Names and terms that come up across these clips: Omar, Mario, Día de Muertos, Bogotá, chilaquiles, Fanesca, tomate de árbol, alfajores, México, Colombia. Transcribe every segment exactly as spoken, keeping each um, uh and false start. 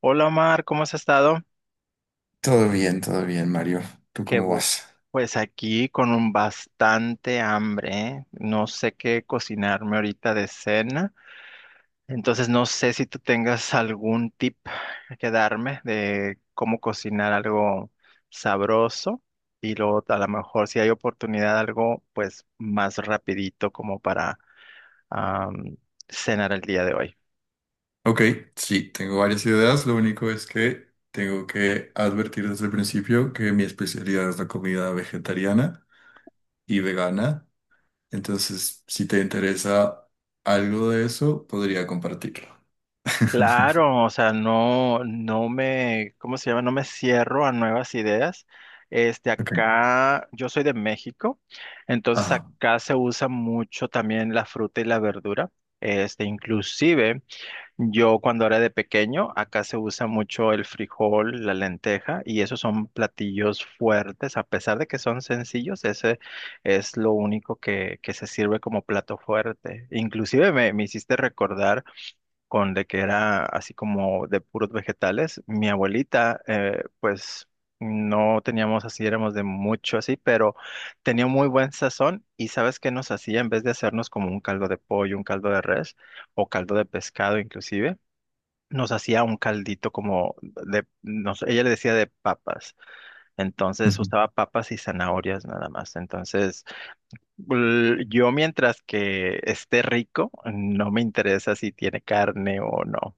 Hola Omar, ¿cómo has estado? Todo bien, todo bien, Mario. ¿Tú Que cómo bu- vas? pues aquí con un bastante hambre, ¿eh? No sé qué cocinarme ahorita de cena, entonces no sé si tú tengas algún tip que darme de cómo cocinar algo sabroso y luego a lo mejor si hay oportunidad algo pues más rapidito como para am, cenar el día de hoy. Ok, sí, tengo varias ideas. Lo único es que tengo que advertir desde el principio que mi especialidad es la comida vegetariana y vegana. Entonces, si te interesa algo de eso, podría compartirlo. Claro, o sea, no, no me, ¿cómo se llama? No me cierro a nuevas ideas. Este, Ok. acá, yo soy de México, entonces Ajá. acá se usa mucho también la fruta y la verdura. Este, inclusive, yo cuando era de pequeño, acá se usa mucho el frijol, la lenteja, y esos son platillos fuertes, a pesar de que son sencillos, ese es lo único que, que se sirve como plato fuerte. Inclusive me me hiciste recordar con de que era así como de puros vegetales. Mi abuelita, eh, pues no teníamos así, éramos de mucho así, pero tenía muy buen sazón y sabes qué nos hacía en vez de hacernos como un caldo de pollo, un caldo de res o caldo de pescado inclusive. Nos hacía un caldito como de, nos, ella le decía de papas, entonces usaba papas y zanahorias nada más. Entonces, l- yo mientras que esté rico, no me interesa si tiene carne o no.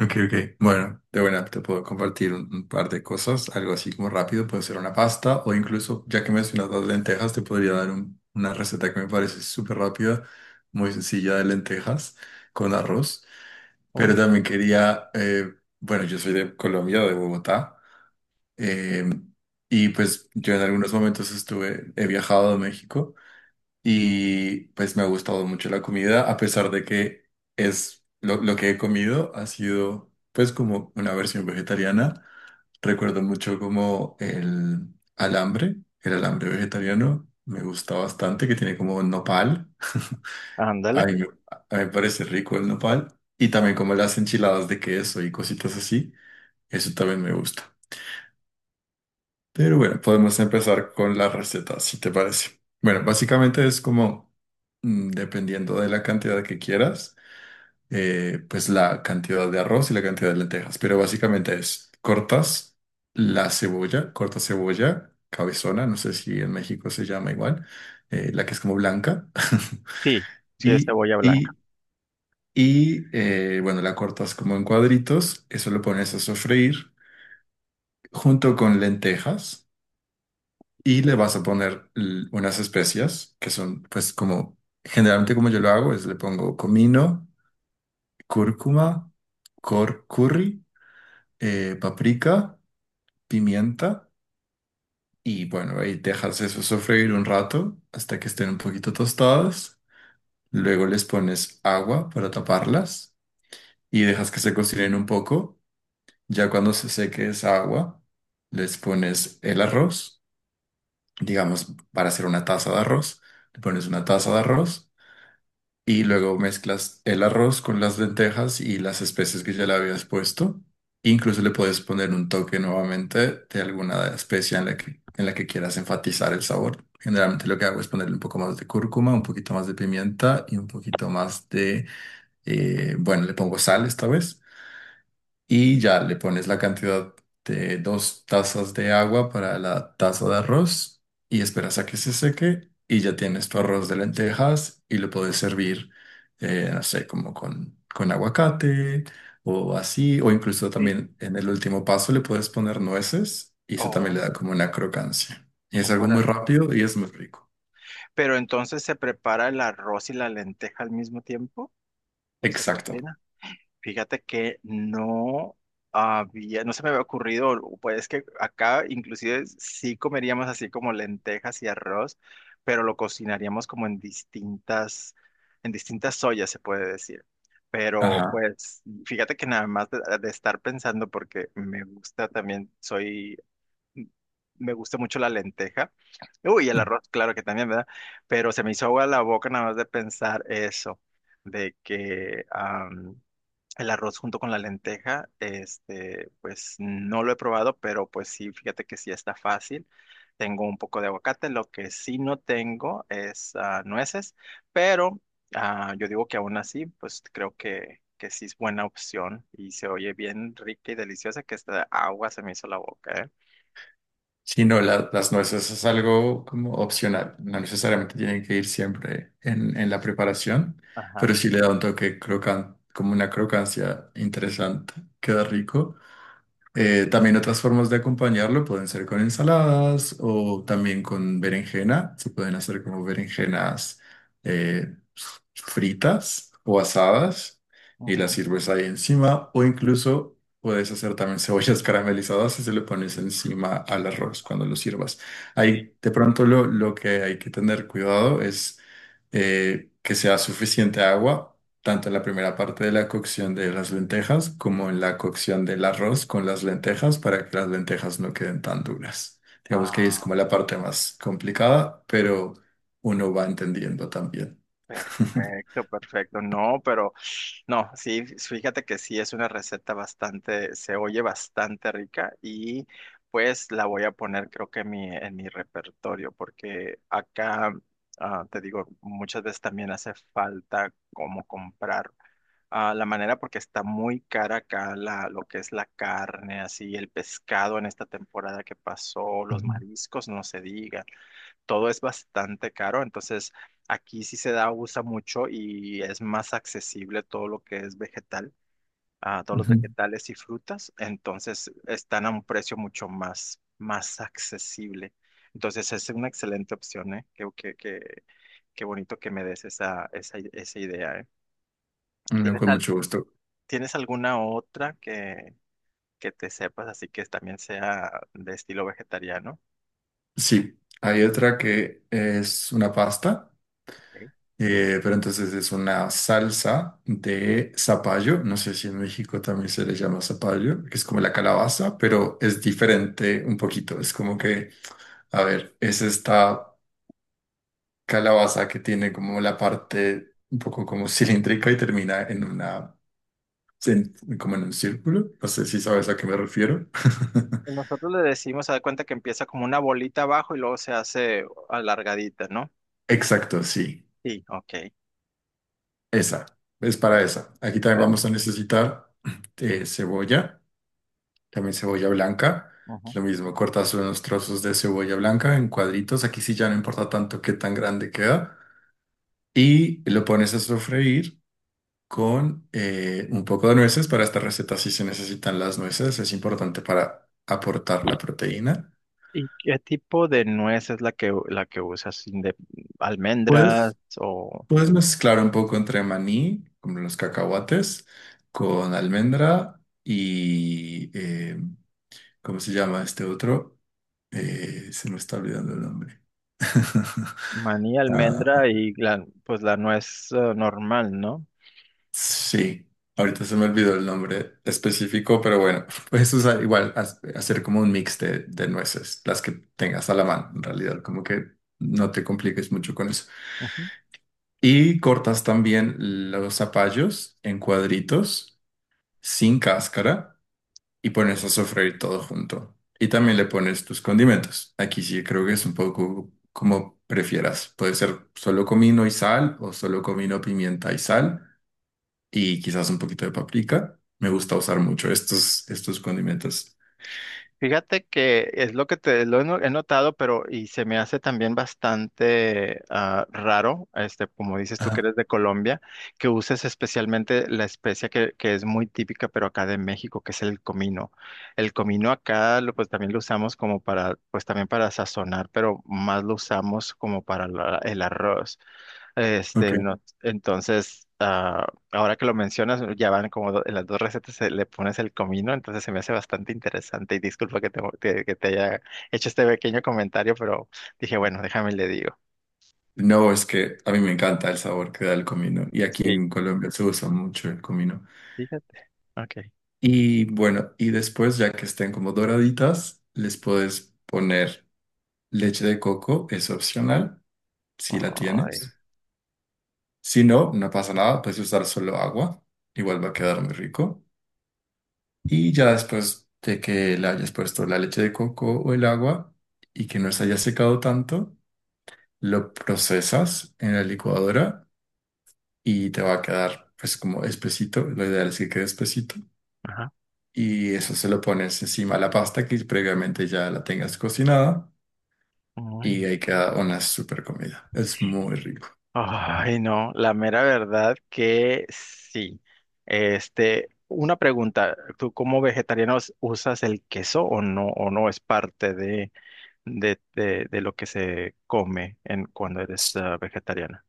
Ok, ok. Bueno, de buena te puedo compartir un, un par de cosas, algo así como rápido, puede ser una pasta o incluso, ya que mencionas las lentejas, te podría dar un- una receta que me parece súper rápida, muy sencilla de lentejas con arroz. Pero Oh, también quería, eh, bueno, yo soy de Colombia, de Bogotá, eh, y pues yo en algunos momentos estuve, he viajado a México. Y pues me ha gustado mucho la comida, a pesar de que es lo, lo que he comido ha sido pues como una versión vegetariana. Recuerdo mucho como el alambre, el alambre vegetariano, me gusta bastante, que tiene como nopal. A ándale. mí, me- a mí me parece rico el nopal. Y también como las enchiladas de queso y cositas así, eso también me gusta. Pero bueno, podemos empezar con la receta, si te parece. Bueno, básicamente es como, mm, dependiendo de la cantidad que quieras, eh, pues la cantidad de arroz y la cantidad de lentejas. Pero básicamente es, cortas la cebolla, corta cebolla, cabezona, no sé si en México se llama igual, eh, la que es como blanca. Sí, sí es Y, cebolla blanca. y, y eh, bueno, la cortas como en cuadritos, eso lo pones a sofreír junto con lentejas. Y le vas a poner l- unas especias que son, pues, como generalmente como yo lo hago, es le pongo comino, cúrcuma, cor curry, eh, paprika, pimienta y bueno, ahí dejas eso sofreír un rato hasta que estén un poquito tostadas. Luego les pones agua para taparlas y dejas que se cocinen un poco. Ya cuando se seque esa agua, les pones el arroz, digamos, para hacer una taza de arroz, le pones una taza de arroz y luego mezclas el arroz con las lentejas y las especies que ya le habías puesto. Incluso le puedes poner un toque nuevamente de alguna especie en la que, en la que quieras enfatizar el sabor. Generalmente lo que hago es ponerle un poco más de cúrcuma, un poquito más de pimienta y un poquito más de, eh, bueno, le pongo sal esta vez y ya le pones la cantidad de dos tazas de agua para la taza de arroz y esperas a que se seque y ya tienes tu arroz de lentejas y lo puedes servir, eh, no sé, como con, con aguacate o así, o incluso Sí. también en el último paso le puedes poner nueces y eso también Oh, le da como una crocancia. Y es algo muy órale. rápido y es muy rico. Pero entonces se prepara el arroz y la lenteja al mismo tiempo, se Exacto. cocina. Fíjate que no había, no se me había ocurrido, pues es que acá inclusive sí comeríamos así como lentejas y arroz, pero lo cocinaríamos como en distintas, en distintas ollas, se puede decir. Pero Ajá. pues fíjate que nada más de, de estar pensando, porque me gusta también, soy. Me gusta mucho la lenteja. Uy, el arroz, claro que también, ¿verdad? Pero se me hizo agua la boca nada más de pensar eso, de que am, el arroz junto con la lenteja, este, pues no lo he probado, pero pues sí, fíjate que sí está fácil. Tengo un poco de aguacate, lo que sí no tengo es ah, nueces, pero ah, yo digo que aún así, pues creo que, que sí es buena opción y se oye bien rica y deliciosa que esta agua se me hizo la boca, ¿eh? Sí, no, la- las nueces es algo como opcional, no necesariamente tienen que ir siempre en, en la preparación, Ajá. pero sí le da un toque crocan, como una crocancia interesante, queda rico. Eh, también otras formas de acompañarlo pueden ser con ensaladas o también con berenjena. Se pueden hacer como berenjenas eh, fritas o asadas y las Ujú. sirves ahí encima o incluso puedes hacer también cebollas caramelizadas y se le pones encima al arroz cuando lo sirvas. Sí. Ahí de pronto lo, lo que hay que tener cuidado es eh, que sea suficiente agua tanto en la primera parte de la cocción de las lentejas como en la cocción del arroz con las lentejas para que las lentejas no queden tan duras. Digamos que ahí es Ah, como la parte más complicada, pero uno va entendiendo también. Perfecto, perfecto. No, pero no, sí, fíjate que sí es una receta bastante, se oye bastante rica y pues la voy a poner creo que en mi, en mi repertorio porque acá, ah, te digo, muchas veces también hace falta como comprar. Ah, la manera porque está muy cara acá la, lo que es la carne, así el pescado en esta temporada que pasó, los Ujú, mariscos, no se diga. Todo es bastante caro, entonces aquí sí se da, usa mucho y es más accesible todo lo que es vegetal, ah, todos los ujú. vegetales y frutas, entonces están a un precio mucho más, más accesible. Entonces es una excelente opción, ¿eh? Qué, qué- qué- qué bonito que me des esa, esa, esa idea, ¿eh? Bueno, ¿Tienes, con al- mucho gusto. ¿Tienes alguna otra que, que te sepas así que también sea de estilo vegetariano? Sí, hay otra que es una pasta, Ok. eh, pero entonces es una salsa de zapallo. No sé si en México también se le llama zapallo, que es como la calabaza, pero es diferente un poquito. Es como que a ver, es esta calabaza que tiene como la parte un poco como cilíndrica y termina en una, en- como en un círculo. No sé si sabes a qué me refiero. Nosotros le decimos, se da cuenta que empieza como una bolita abajo y luego se hace alargadita, ¿no? Exacto, sí. Sí, ok. Esa. Es para esa. Aquí también vamos Perfecto. a necesitar eh, cebolla, también cebolla blanca. Ujú. Lo mismo, cortas unos trozos de cebolla blanca en cuadritos. Aquí sí ya no importa tanto qué tan grande queda. Y lo pones a sofreír con eh, un poco de nueces. Para esta receta sí se necesitan las nueces, es importante para aportar la proteína. ¿Y qué tipo de nuez es la que la que usas? ¿De almendras Puedes, o puedes mezclar un poco entre maní, como los cacahuates, con almendra y, eh, ¿cómo se llama este otro? Eh, se me está olvidando el nombre. maní, almendra Ah, y la, pues la nuez eh, normal, ¿no? sí, ahorita se me olvidó el nombre específico, pero bueno, puedes usar igual, haz- hacer como un mix de, de nueces, las que tengas a la mano, en realidad, como que no te compliques mucho con eso. Ujú. Y cortas también los zapallos en cuadritos, sin cáscara, y pones a sofreír todo junto. Y también le pones tus condimentos. Aquí sí creo que es un poco como prefieras. Puede ser solo comino y sal o solo comino, pimienta y sal y quizás un poquito de paprika. Me gusta usar mucho estos, estos condimentos. Fíjate que es lo que te lo he no- he notado, pero y se me hace también bastante ah, raro, este, como dices tú que Ah, eres de Colombia, que uses especialmente la especia que, que es muy típica, pero acá de México, que es el comino. El comino acá, lo, pues también lo usamos como para, pues también para sazonar, pero más lo usamos como para la- el arroz. Este, ok. no, entonces, ah, ahora que lo mencionas, ya van como do- en las dos recetas se le pones el comino, entonces se me hace bastante interesante y disculpa que te, que que te haya hecho este pequeño comentario, pero dije, bueno, déjame y le digo. No, es que a mí me encanta el sabor que da el comino y aquí Sí, en Colombia se usa mucho el comino. fíjate. Ok. Y bueno, y después ya que estén como doraditas, les puedes poner leche de coco, es opcional, si la Ay, tienes. Si no, no pasa nada, puedes usar solo agua, igual va a quedar muy rico. Y ya después de que le hayas puesto la leche de coco o el agua y que no se haya secado tanto, lo procesas en la licuadora y te va a quedar pues como espesito, lo ideal es que quede espesito ajá. y eso se lo pones encima a la pasta que previamente ya la tengas cocinada y Ay. ahí queda una super comida, es muy rico. Ay, no, la mera verdad que sí. Este, una pregunta, ¿tú como vegetarianos usas el queso o no, o no es parte de... de, de, de lo que se come en, cuando eres ah, vegetariana.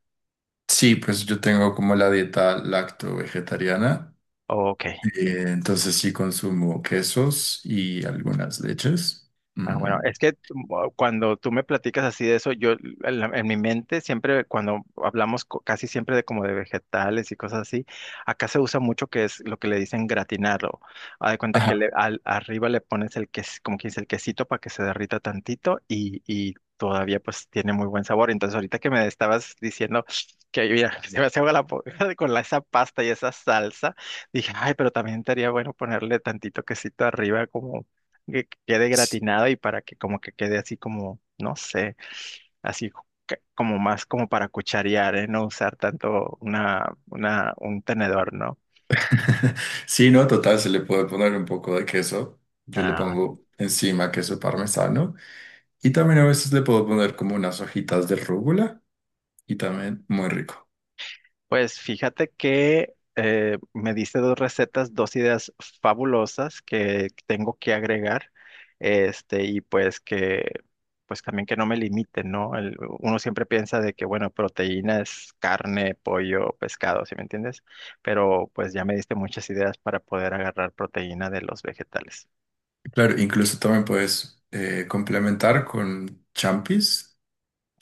Sí, pues yo tengo como la dieta lacto-vegetariana, Ok, eh, entonces sí consumo quesos y algunas leches. Ah, bueno, Mm. es que mm, cuando tú me platicas así de eso, yo en, la- en mi mente siempre, cuando hablamos co- casi siempre de como de vegetales y cosas así, acá se usa mucho que es lo que le dicen gratinarlo. Haz de cuenta Ajá. que le- al- arriba le pones el ques, como quien dice, el quesito para que se derrita tantito y, y todavía pues tiene muy buen sabor. Entonces ahorita que me estabas diciendo que mira, se me hace agua la boca con la- esa pasta y esa salsa, dije, ay, pero también estaría bueno ponerle tantito quesito arriba que quede gratinada y para que como que quede así como, no sé, así que- como más como para cucharear, ¿eh? No usar tanto una, una, un tenedor, ¿no? Sí, no, total, se le puede poner un poco de queso. Yo le Ah, pongo encima queso parmesano. Y también a veces le puedo poner como unas hojitas de rúgula y también muy rico. pues fíjate que eh, me diste dos recetas, dos ideas fabulosas que tengo que agregar, este, y pues que, pues también que no me limiten, ¿no? El- uno siempre piensa de que, bueno, proteína es carne, pollo, pescado, ¿sí me entiendes? Pero pues ya me diste muchas ideas para poder agarrar proteína de los vegetales, Claro, incluso también puedes eh, complementar con champis,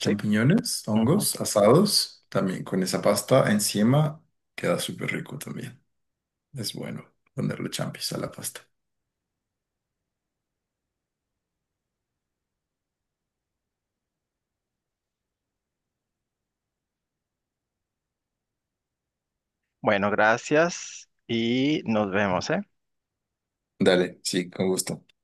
¿sí? Ujú. hongos asados, también con esa pasta encima. Queda súper rico también. Es bueno ponerle champis a la pasta. Bueno, gracias y nos vemos, ¿eh? Dale, sí, con gusto.